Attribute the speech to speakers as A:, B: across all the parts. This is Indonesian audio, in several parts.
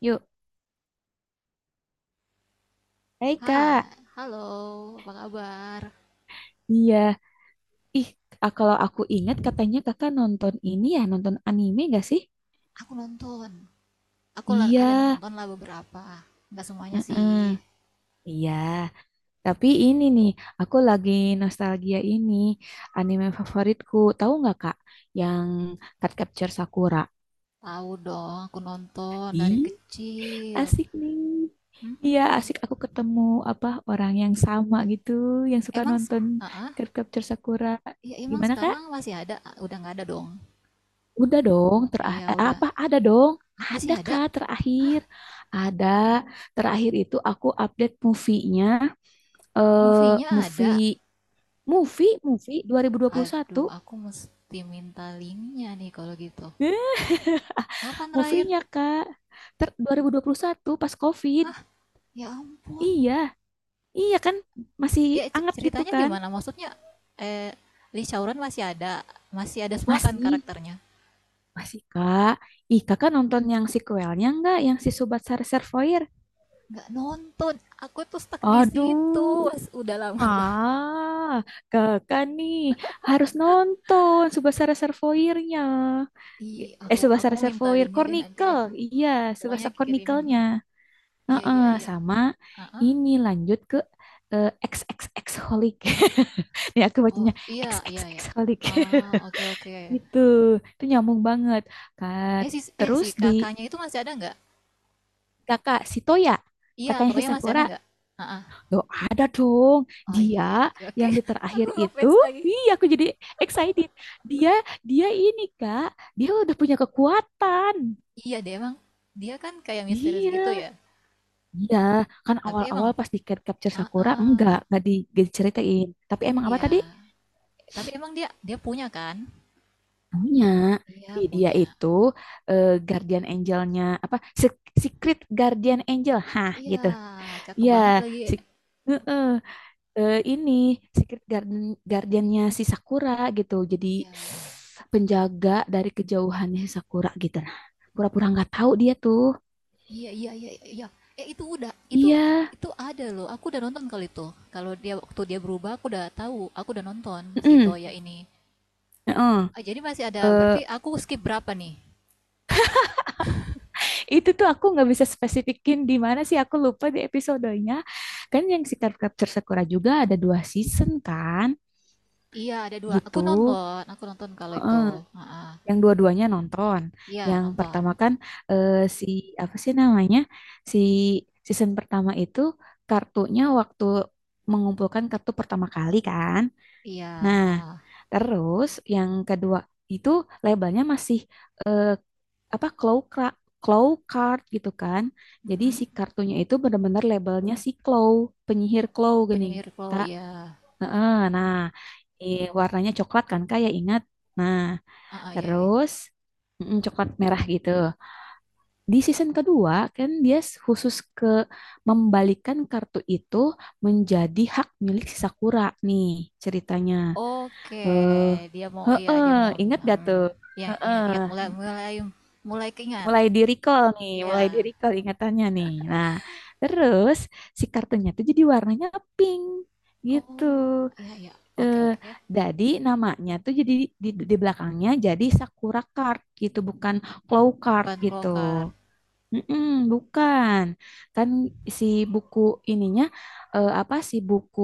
A: Yuk, hai
B: Hai,
A: Kak.
B: halo, apa kabar?
A: Iya, ih Kalau aku ingat katanya kakak nonton ini ya, nonton anime gak sih?
B: Aku nonton,
A: Iya,
B: ada nonton lah beberapa, nggak semuanya sih.
A: heeh. Iya. Tapi ini nih, aku lagi nostalgia ini anime favoritku. Tahu nggak kak? Yang Card Capture Sakura.
B: Tahu dong, aku nonton dari
A: Ih,
B: kecil.
A: Asik nih. Iya,
B: Mm-mm.
A: asik aku ketemu apa orang yang sama gitu, yang suka
B: Emang,
A: nonton
B: ah, ah.
A: Card Capture Sakura.
B: Iya, emang
A: Gimana kak?
B: sekarang masih ada? Udah nggak ada dong?
A: Udah dong,
B: Iya, udah.
A: apa ada dong?
B: Masih
A: Ada
B: ada.
A: Kak terakhir? Ada. Terakhir itu aku update eh
B: Movie-nya
A: movie
B: ada.
A: movie 2021.
B: Aduh, aku mesti minta linknya nih kalau gitu.
A: Eh,
B: Kapan terakhir?
A: Movie-nya Kak. 2021 pas COVID.
B: Hah, ya ampun.
A: Iya, iya kan masih
B: Ya,
A: anget gitu
B: ceritanya
A: kan?
B: gimana? Maksudnya eh Lee Chowron masih ada semua kan
A: Masih,
B: karakternya?
A: masih Kak. Ih, Kakak nonton yang sequelnya nggak? Yang si Sobat Sar Servoir?
B: Nggak nonton, aku tuh stuck di situ.
A: Aduh.
B: Udah lama banget.
A: Ah, kakak nih harus nonton Subasa Reservoirnya.
B: Ih, aku
A: Subasa
B: aku minta
A: Reservoir
B: linknya deh nanti deh.
A: Chronicle. Iya,
B: Pokoknya
A: Subasa
B: kirimin
A: Chronicle-nya.
B: ya. Iya,
A: Heeh,
B: iya, iya.
A: sama
B: Ah, ah.
A: ini lanjut ke eh, XXX Holic. Nih aku
B: Oh,
A: bacanya
B: iya, iya,
A: XXX
B: iya.
A: Holic.
B: Ah, oke, oke.
A: Gitu, itu nyambung banget. Kak,
B: Eh si eh
A: terus
B: si
A: di
B: kakaknya itu masih ada nggak?
A: kakak si Toya,
B: Iya,
A: kakaknya si
B: Toya masih ada
A: Sakura.
B: nggak? Ah, ah.
A: Loh, ada dong.
B: Oh, iya, iya,
A: Dia
B: oke, oke.
A: yang di
B: Aku
A: terakhir itu,
B: ngefans lagi.
A: iya aku jadi excited. Dia dia ini Kak, dia udah punya kekuatan.
B: Iya deh, emang dia kan kayak misterius
A: Iya,
B: gitu ya.
A: iya. Kan
B: Tapi emang
A: awal-awal pas di Cat Capture
B: ah
A: Sakura
B: ah.
A: enggak diceritain. Tapi emang apa
B: Iya,
A: tadi?
B: tapi emang dia dia punya kan?
A: Punya.
B: Iya,
A: Ih, dia
B: punya.
A: itu Guardian Angelnya apa? Secret Guardian Angel, hah
B: Iya,
A: gitu.
B: cakep
A: Iya,
B: banget lagi.
A: si heeh. Ini secret garden guardiannya si Sakura gitu. Jadi
B: Iya.
A: penjaga dari kejauhannya si Sakura gitu. Nah, pura-pura nggak tahu dia tuh.
B: Iya, iya, iya, iya. Eh itu udah itu
A: Iya.
B: itu ada loh. Aku udah nonton kali itu. Kalau dia waktu dia berubah aku udah tahu, aku udah nonton si
A: mm-mm,
B: Toya ini.
A: mm
B: Ah, jadi masih ada
A: Eh,
B: berarti aku skip berapa nih?
A: itu tuh aku nggak bisa spesifikin di mana sih aku lupa di episodenya. Kan yang Secret Capture Sakura juga ada dua season kan,
B: Iya, ada dua. Aku
A: gitu.
B: nonton, aku nonton kalau itu.
A: Heeh.
B: Heeh.
A: Yang dua-duanya nonton.
B: Iya,
A: Yang
B: nonton.
A: pertama kan eh, si apa sih namanya? Si season pertama itu kartunya waktu mengumpulkan kartu pertama kali kan.
B: Iya,
A: Nah,
B: ah.
A: terus yang kedua itu labelnya masih eh, apa claw card gitu kan. Jadi
B: Mm-mm.
A: si kartunya itu benar-benar labelnya si claw, penyihir claw gini,
B: Penyihir Claw,
A: Kak.
B: iya.
A: Heeh, Nah, warnanya coklat kan Kak ya ingat. Nah,
B: Iya, iya.
A: terus coklat merah gitu. Di season kedua kan dia khusus ke membalikan kartu itu menjadi hak milik si Sakura nih ceritanya.
B: Oke,
A: Eh,
B: dia mau, iya,
A: heeh,
B: dia mau,
A: ingat gak tuh?
B: mhm, iya,
A: Heeh,
B: ingat-ingat, mulai mulai mulai keingat,
A: mulai di recall nih, mulai di
B: iya.
A: recall ingatannya nih. Nah, terus si kartunya tuh jadi warnanya pink gitu.
B: Oh, iya, iya, oke,
A: Eh,
B: oke.
A: jadi namanya tuh jadi di belakangnya jadi Sakura Card gitu, bukan Claw Card
B: Bukan
A: gitu.
B: Clocard
A: Mm-mm, bukan. Kan si buku ininya apa sih buku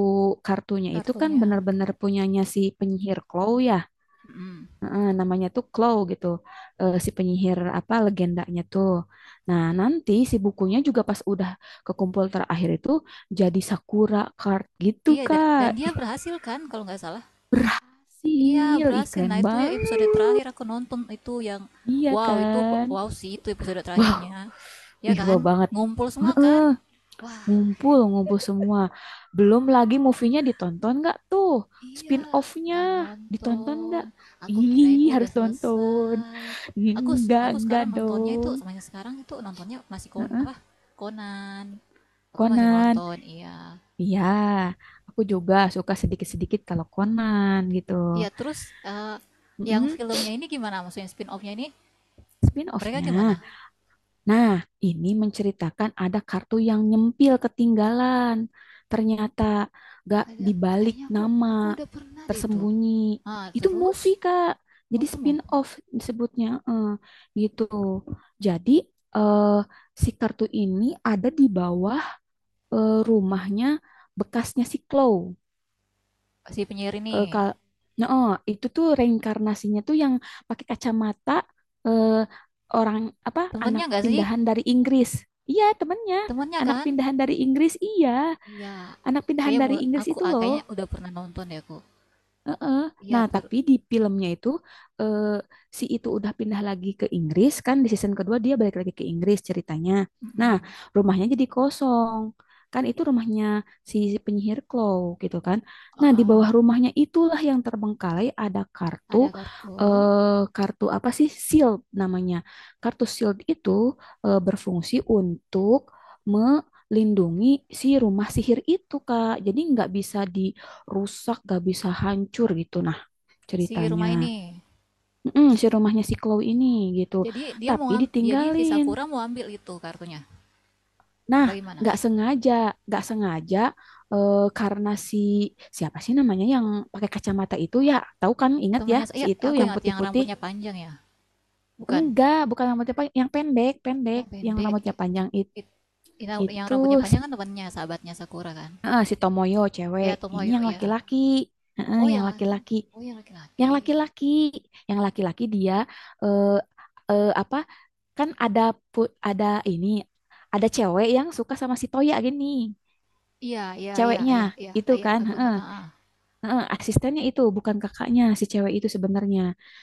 A: kartunya itu kan
B: kartunya,
A: benar-benar punyanya si penyihir Claw ya.
B: mhm.
A: Heeh, namanya tuh Claw gitu. Eh, si penyihir apa legendanya tuh. Nah, nanti si bukunya juga pas udah kekumpul terakhir itu jadi Sakura Card gitu,
B: Iya, dan
A: Kak.
B: dan dia berhasil kan kalau nggak salah? Iya,
A: Ih
B: berhasil. Nah,
A: keren
B: itu ya
A: banget.
B: episode terakhir aku nonton itu yang
A: Iya
B: wow, itu
A: kan?
B: wow sih itu episode
A: Wow,
B: terakhirnya, ya
A: wih
B: kan?
A: wow banget.
B: Ngumpul semua kan?
A: Heeh,
B: Wah.
A: ngumpul, ngumpul semua. Belum lagi movie-nya ditonton nggak tuh?
B: Iya,
A: Spin-off-nya
B: nggak
A: ditonton
B: nonton.
A: nggak?
B: Aku kirain
A: Ih,
B: udah
A: harus tonton.
B: selesai. Aku aku
A: Enggak
B: sekarang nontonnya itu
A: dong.
B: semuanya sekarang itu nontonnya masih apa? Conan. Aku masih
A: Conan,
B: nonton, iya.
A: iya. Aku juga suka sedikit-sedikit kalau Conan gitu.
B: Iya, terus eh, yang
A: Mm-mm,
B: filmnya ini gimana? Maksudnya spin-off-nya ini mereka
A: spin-off-nya.
B: gimana?
A: Nah, ini menceritakan ada kartu yang nyempil ketinggalan. Ternyata gak
B: Ada,
A: dibalik
B: kayaknya aku
A: nama,
B: udah pernah deh itu.
A: tersembunyi.
B: Ah,
A: Itu
B: terus
A: movie, Kak.
B: oh
A: Jadi
B: tuh mau
A: spin-off disebutnya. Gitu. Jadi eh, si kartu ini ada di bawah rumahnya bekasnya si Chloe.
B: si penyiar ini.
A: Eh, kal nah, oh, itu tuh reinkarnasinya tuh yang pakai kacamata eh, orang apa
B: Temennya
A: anak
B: nggak sih?
A: pindahan dari Inggris. Iya, temennya
B: Temennya
A: anak
B: kan?
A: pindahan dari Inggris. Iya,
B: Iya.
A: anak pindahan
B: Kayaknya
A: dari
B: mul-
A: Inggris
B: aku
A: itu
B: ah,
A: loh.
B: kayaknya udah pernah nonton deh aku.
A: Heeh.
B: Iya,
A: Nah,
B: ter
A: tapi di filmnya itu eh, si itu udah pindah lagi ke Inggris kan di season kedua dia balik lagi ke Inggris ceritanya. Nah,
B: Mhm,
A: rumahnya jadi kosong. Kan itu rumahnya si penyihir Claw gitu kan. Nah, di
B: heeh.
A: bawah rumahnya itulah yang terbengkalai ada kartu
B: Ada kartu
A: eh kartu apa sih? Shield namanya. Kartu shield itu berfungsi untuk melindungi si rumah sihir itu, Kak. Jadi nggak bisa di rusak, gak bisa hancur gitu. Nah,
B: si
A: ceritanya
B: rumah ini.
A: mm-mm, si rumahnya si Chloe ini gitu,
B: Jadi dia mau
A: tapi
B: ngam jadi si
A: ditinggalin.
B: Sakura mau ambil itu kartunya.
A: Nah,
B: Bagaimana
A: gak sengaja, gak sengaja karena si siapa sih namanya yang pakai kacamata itu ya, tahu kan? Ingat ya,
B: temannya?
A: si
B: Iya,
A: itu
B: aku
A: yang
B: ingat yang
A: putih-putih.
B: rambutnya panjang ya? Bukan,
A: Enggak, bukan rambutnya panjang, pendek,
B: yang
A: yang
B: pendek.
A: rambutnya panjang it-
B: It ina yang
A: itu
B: rambutnya
A: si
B: panjang kan temannya sahabatnya Sakura kan?
A: si Tomoyo cewek.
B: Iya,
A: Ini
B: Tomoyo,
A: yang
B: ya.
A: laki-laki, heeh,
B: Oh
A: yang
B: yang
A: laki-laki.
B: oh, yang
A: Yang
B: laki-laki.
A: laki-laki, yang laki-laki dia eh, eh, apa kan ada pu- ada ini ada cewek yang suka sama si Toya gini.
B: Iya, iya, iya,
A: Ceweknya
B: iya, iya,
A: itu
B: iya,
A: kan,
B: aku
A: heeh,
B: ingat, heeh.
A: heeh, asistennya itu bukan kakaknya si cewek itu sebenarnya.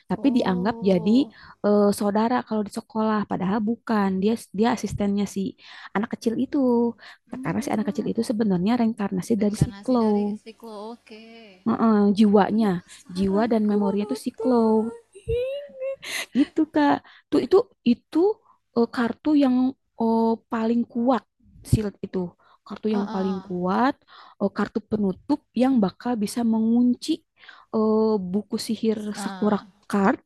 A: Tapi dianggap jadi
B: Oh,
A: saudara kalau di sekolah padahal bukan. Dia Dia asistennya si anak kecil itu. Karena si anak
B: hmm.
A: kecil itu sebenarnya reinkarnasi dari si
B: Reinkarnasi
A: Claw.
B: dari siklo. Oke.
A: Heeh, jiwanya,
B: Iya,
A: jiwa
B: penasaran
A: dan
B: aku mau
A: memorinya itu si Claw.
B: nonton.
A: Gitu Kak. Tuh itu Eh, kartu yang eh, paling kuat shield itu. Kartu yang paling
B: Heeh.
A: kuat, kartu penutup yang bakal bisa mengunci eh, buku sihir Sakura
B: Nah.
A: Card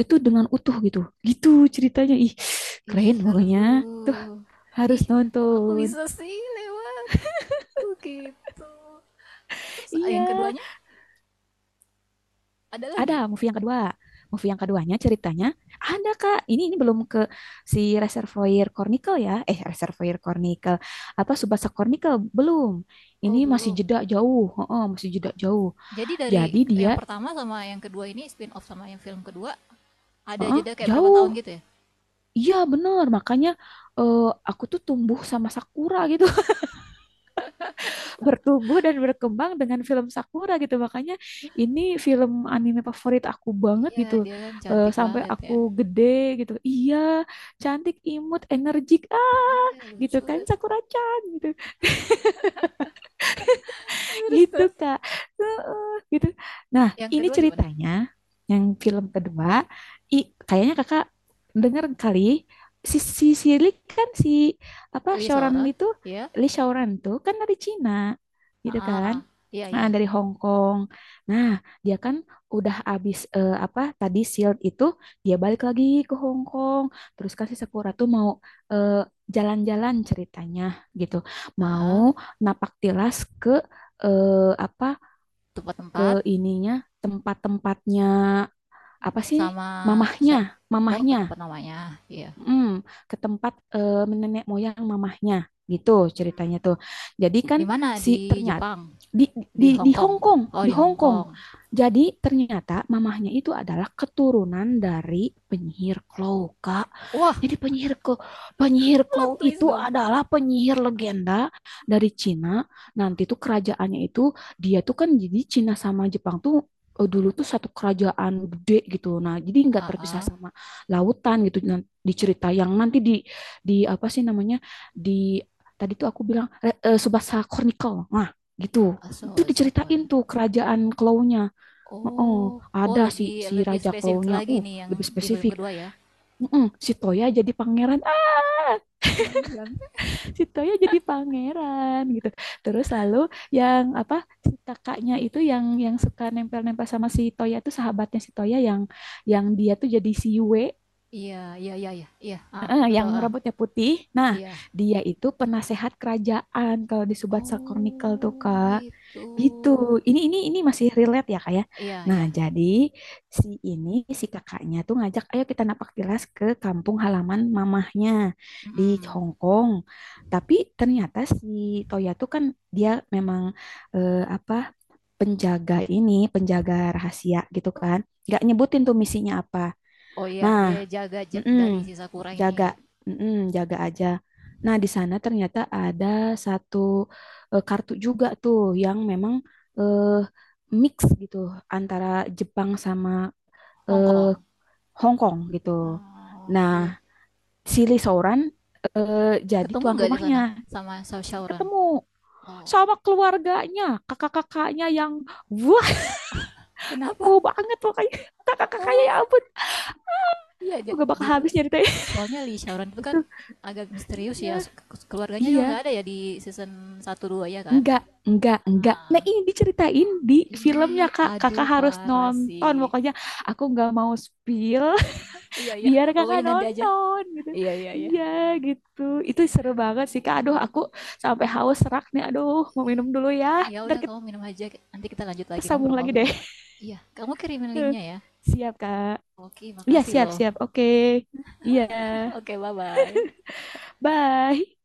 A: itu dengan utuh gitu. Gitu ceritanya. Ih,
B: Ih,
A: keren pokoknya.
B: seru. Ih,
A: Harus
B: kok aku
A: nonton.
B: bisa sih lewatku gitu. Terus yang
A: Iya,
B: keduanya ada
A: ada
B: lagi?
A: movie yang kedua. Movie yang keduanya ceritanya ada Kak. Ini belum ke si Reservoir Cornicle ya. Eh Reservoir Cornicle apa Tsubasa Chronicle belum. Ini
B: Oh,
A: masih
B: belum.
A: jeda jauh. Heeh, masih jeda jauh.
B: Jadi dari
A: Jadi dia
B: yang pertama sama yang kedua ini spin off sama yang film kedua ada
A: heeh,
B: jeda kayak berapa tahun
A: jauh.
B: gitu ya?
A: Iya bener makanya eh, aku tuh tumbuh sama Sakura gitu. Bertumbuh dan berkembang dengan film Sakura gitu. Makanya ini film anime favorit aku banget
B: Iya,
A: gitu.
B: dia kan
A: Eh,
B: cantik
A: sampai
B: banget
A: aku
B: ya.
A: gede gitu. Iya, cantik, imut, energik. Ah,
B: Iya,
A: gitu
B: lucu.
A: kan Sakura-chan gitu
B: Terus
A: gitu
B: terus
A: Kak. Heeh, gitu. Nah,
B: yang
A: ini
B: kedua gimana?
A: ceritanya yang film kedua, kayaknya Kakak denger kali si si si Lee kan si apa
B: Lisora?
A: Shaoran
B: Seorang,
A: Lee tuh
B: ya.
A: Lee Shaoran tuh kan dari Cina gitu kan.
B: Iya, iya.
A: Nah, dari Hong Kong. Nah, dia kan udah abis apa tadi Shield itu dia balik lagi ke Hong Kong. Terus kan si Sakura tuh mau eh, jalan-jalan ceritanya gitu.
B: Heeh,
A: Mau napak tilas ke eh, apa ke
B: tempat-tempat.
A: ininya tempat-tempatnya apa
B: Dia
A: sih
B: sama sya
A: mamahnya
B: oh ke
A: mamahnya
B: tempat namanya, iya.
A: mm, ke tempat nenek moyang mamahnya gitu ceritanya
B: Mhm.
A: tuh. Jadi kan
B: Di mana?
A: si
B: Di
A: ternyata
B: Jepang,
A: di
B: di
A: di
B: Hong Kong.
A: Hong Kong,
B: Oh,
A: di
B: di
A: Hong
B: Hong
A: Kong.
B: Kong.
A: Jadi ternyata mamahnya itu adalah keturunan dari penyihir Claw, Kak.
B: Wah.
A: Jadi penyihir ke Penyihir Claw
B: Twist
A: itu
B: dong.
A: adalah penyihir legenda dari Cina. Nanti tuh kerajaannya itu dia tuh kan jadi Cina sama Jepang tuh dulu tuh satu kerajaan gede gitu. Nah, jadi nggak terpisah
B: Heeh.
A: sama lautan gitu. Nah, di cerita yang nanti di apa sih namanya di tadi tuh aku bilang Subasa Chronicle nah gitu
B: Aso
A: itu
B: Sakura.
A: diceritain tuh kerajaan Klaunya
B: Oh,
A: oh
B: oh
A: ada si
B: lebih
A: si
B: lebih
A: raja
B: spesifik
A: Klaunya
B: lagi nih yang
A: lebih
B: di film
A: spesifik
B: kedua ya?
A: mm si Toya jadi pangeran ah
B: Iya.
A: si Toya jadi pangeran gitu terus lalu yang apa si kakaknya itu yang suka nempel-nempel sama si Toya itu sahabatnya si Toya yang dia tuh jadi si Yue
B: Iya, iya, iya, iya, iya, heeh,
A: heeh,
B: aku
A: yang
B: tahu, ah
A: rambutnya putih. Nah,
B: iya.
A: dia itu penasehat kerajaan kalau di Subatsa Chronicle tuh
B: Oh,
A: Kak.
B: gitu.
A: Gitu. Ini masih relate ya Kak ya.
B: Iya,
A: Nah,
B: iya,
A: jadi si ini si kakaknya tuh ngajak ayo kita napak tilas ke kampung halaman mamahnya di
B: mhm.
A: Hong Kong. Tapi ternyata si Toya tuh kan dia memang eh, apa penjaga ini, penjaga rahasia gitu kan. Gak nyebutin tuh misinya apa.
B: Oh iya,
A: Nah,
B: dia jaga
A: mm-mm,
B: dari si Sakura ini.
A: jaga, mm-mm, jaga aja. Nah, di sana ternyata ada satu kartu juga tuh yang memang eh, mix gitu antara Jepang sama
B: Hong
A: eh,
B: Kong.
A: Hong Kong gitu.
B: Oh,
A: Nah,
B: oke.
A: si Lee Sooran eh, jadi
B: Ketemu
A: tuan
B: nggak di sana
A: rumahnya.
B: sama Shaoran?
A: Ketemu
B: Oh,
A: sama keluarganya, kakak-kakaknya yang wah,
B: kenapa?
A: mau banget pokoknya. Kakak-kakaknya ya
B: Oh,
A: ampun,
B: iya,
A: aku gak bakal
B: jadi
A: habis nyeritain
B: soalnya Lee Shaoran itu kan
A: itu.
B: agak misterius
A: Iya,
B: ya, keluarganya juga
A: iya.
B: nggak ada ya di season satu 2 ya kan.
A: Enggak, enggak, enggak. Nah, ini diceritain di filmnya,
B: Ih,
A: Kak. Kakak
B: aduh,
A: harus
B: parah sih.
A: nonton. Pokoknya aku nggak mau spill
B: Iya, iya,
A: biar kakak
B: pokoknya nanti aja.
A: nonton gitu.
B: Iya, iya, iya.
A: Iya, gitu. Itu seru banget sih, Kak. Aduh, aku sampai haus serak nih. Aduh, mau minum dulu ya.
B: Ya
A: Ntar
B: udah,
A: kita
B: kamu minum aja, nanti kita lanjut lagi
A: sambung lagi deh.
B: ngobrol-ngobrol. Iya, kamu kirimin linknya ya.
A: Siap, Kak.
B: Oke,
A: Iya,
B: makasih
A: siap,
B: loh.
A: siap. Oke. Iya.
B: Oke, bye bye.
A: Bye.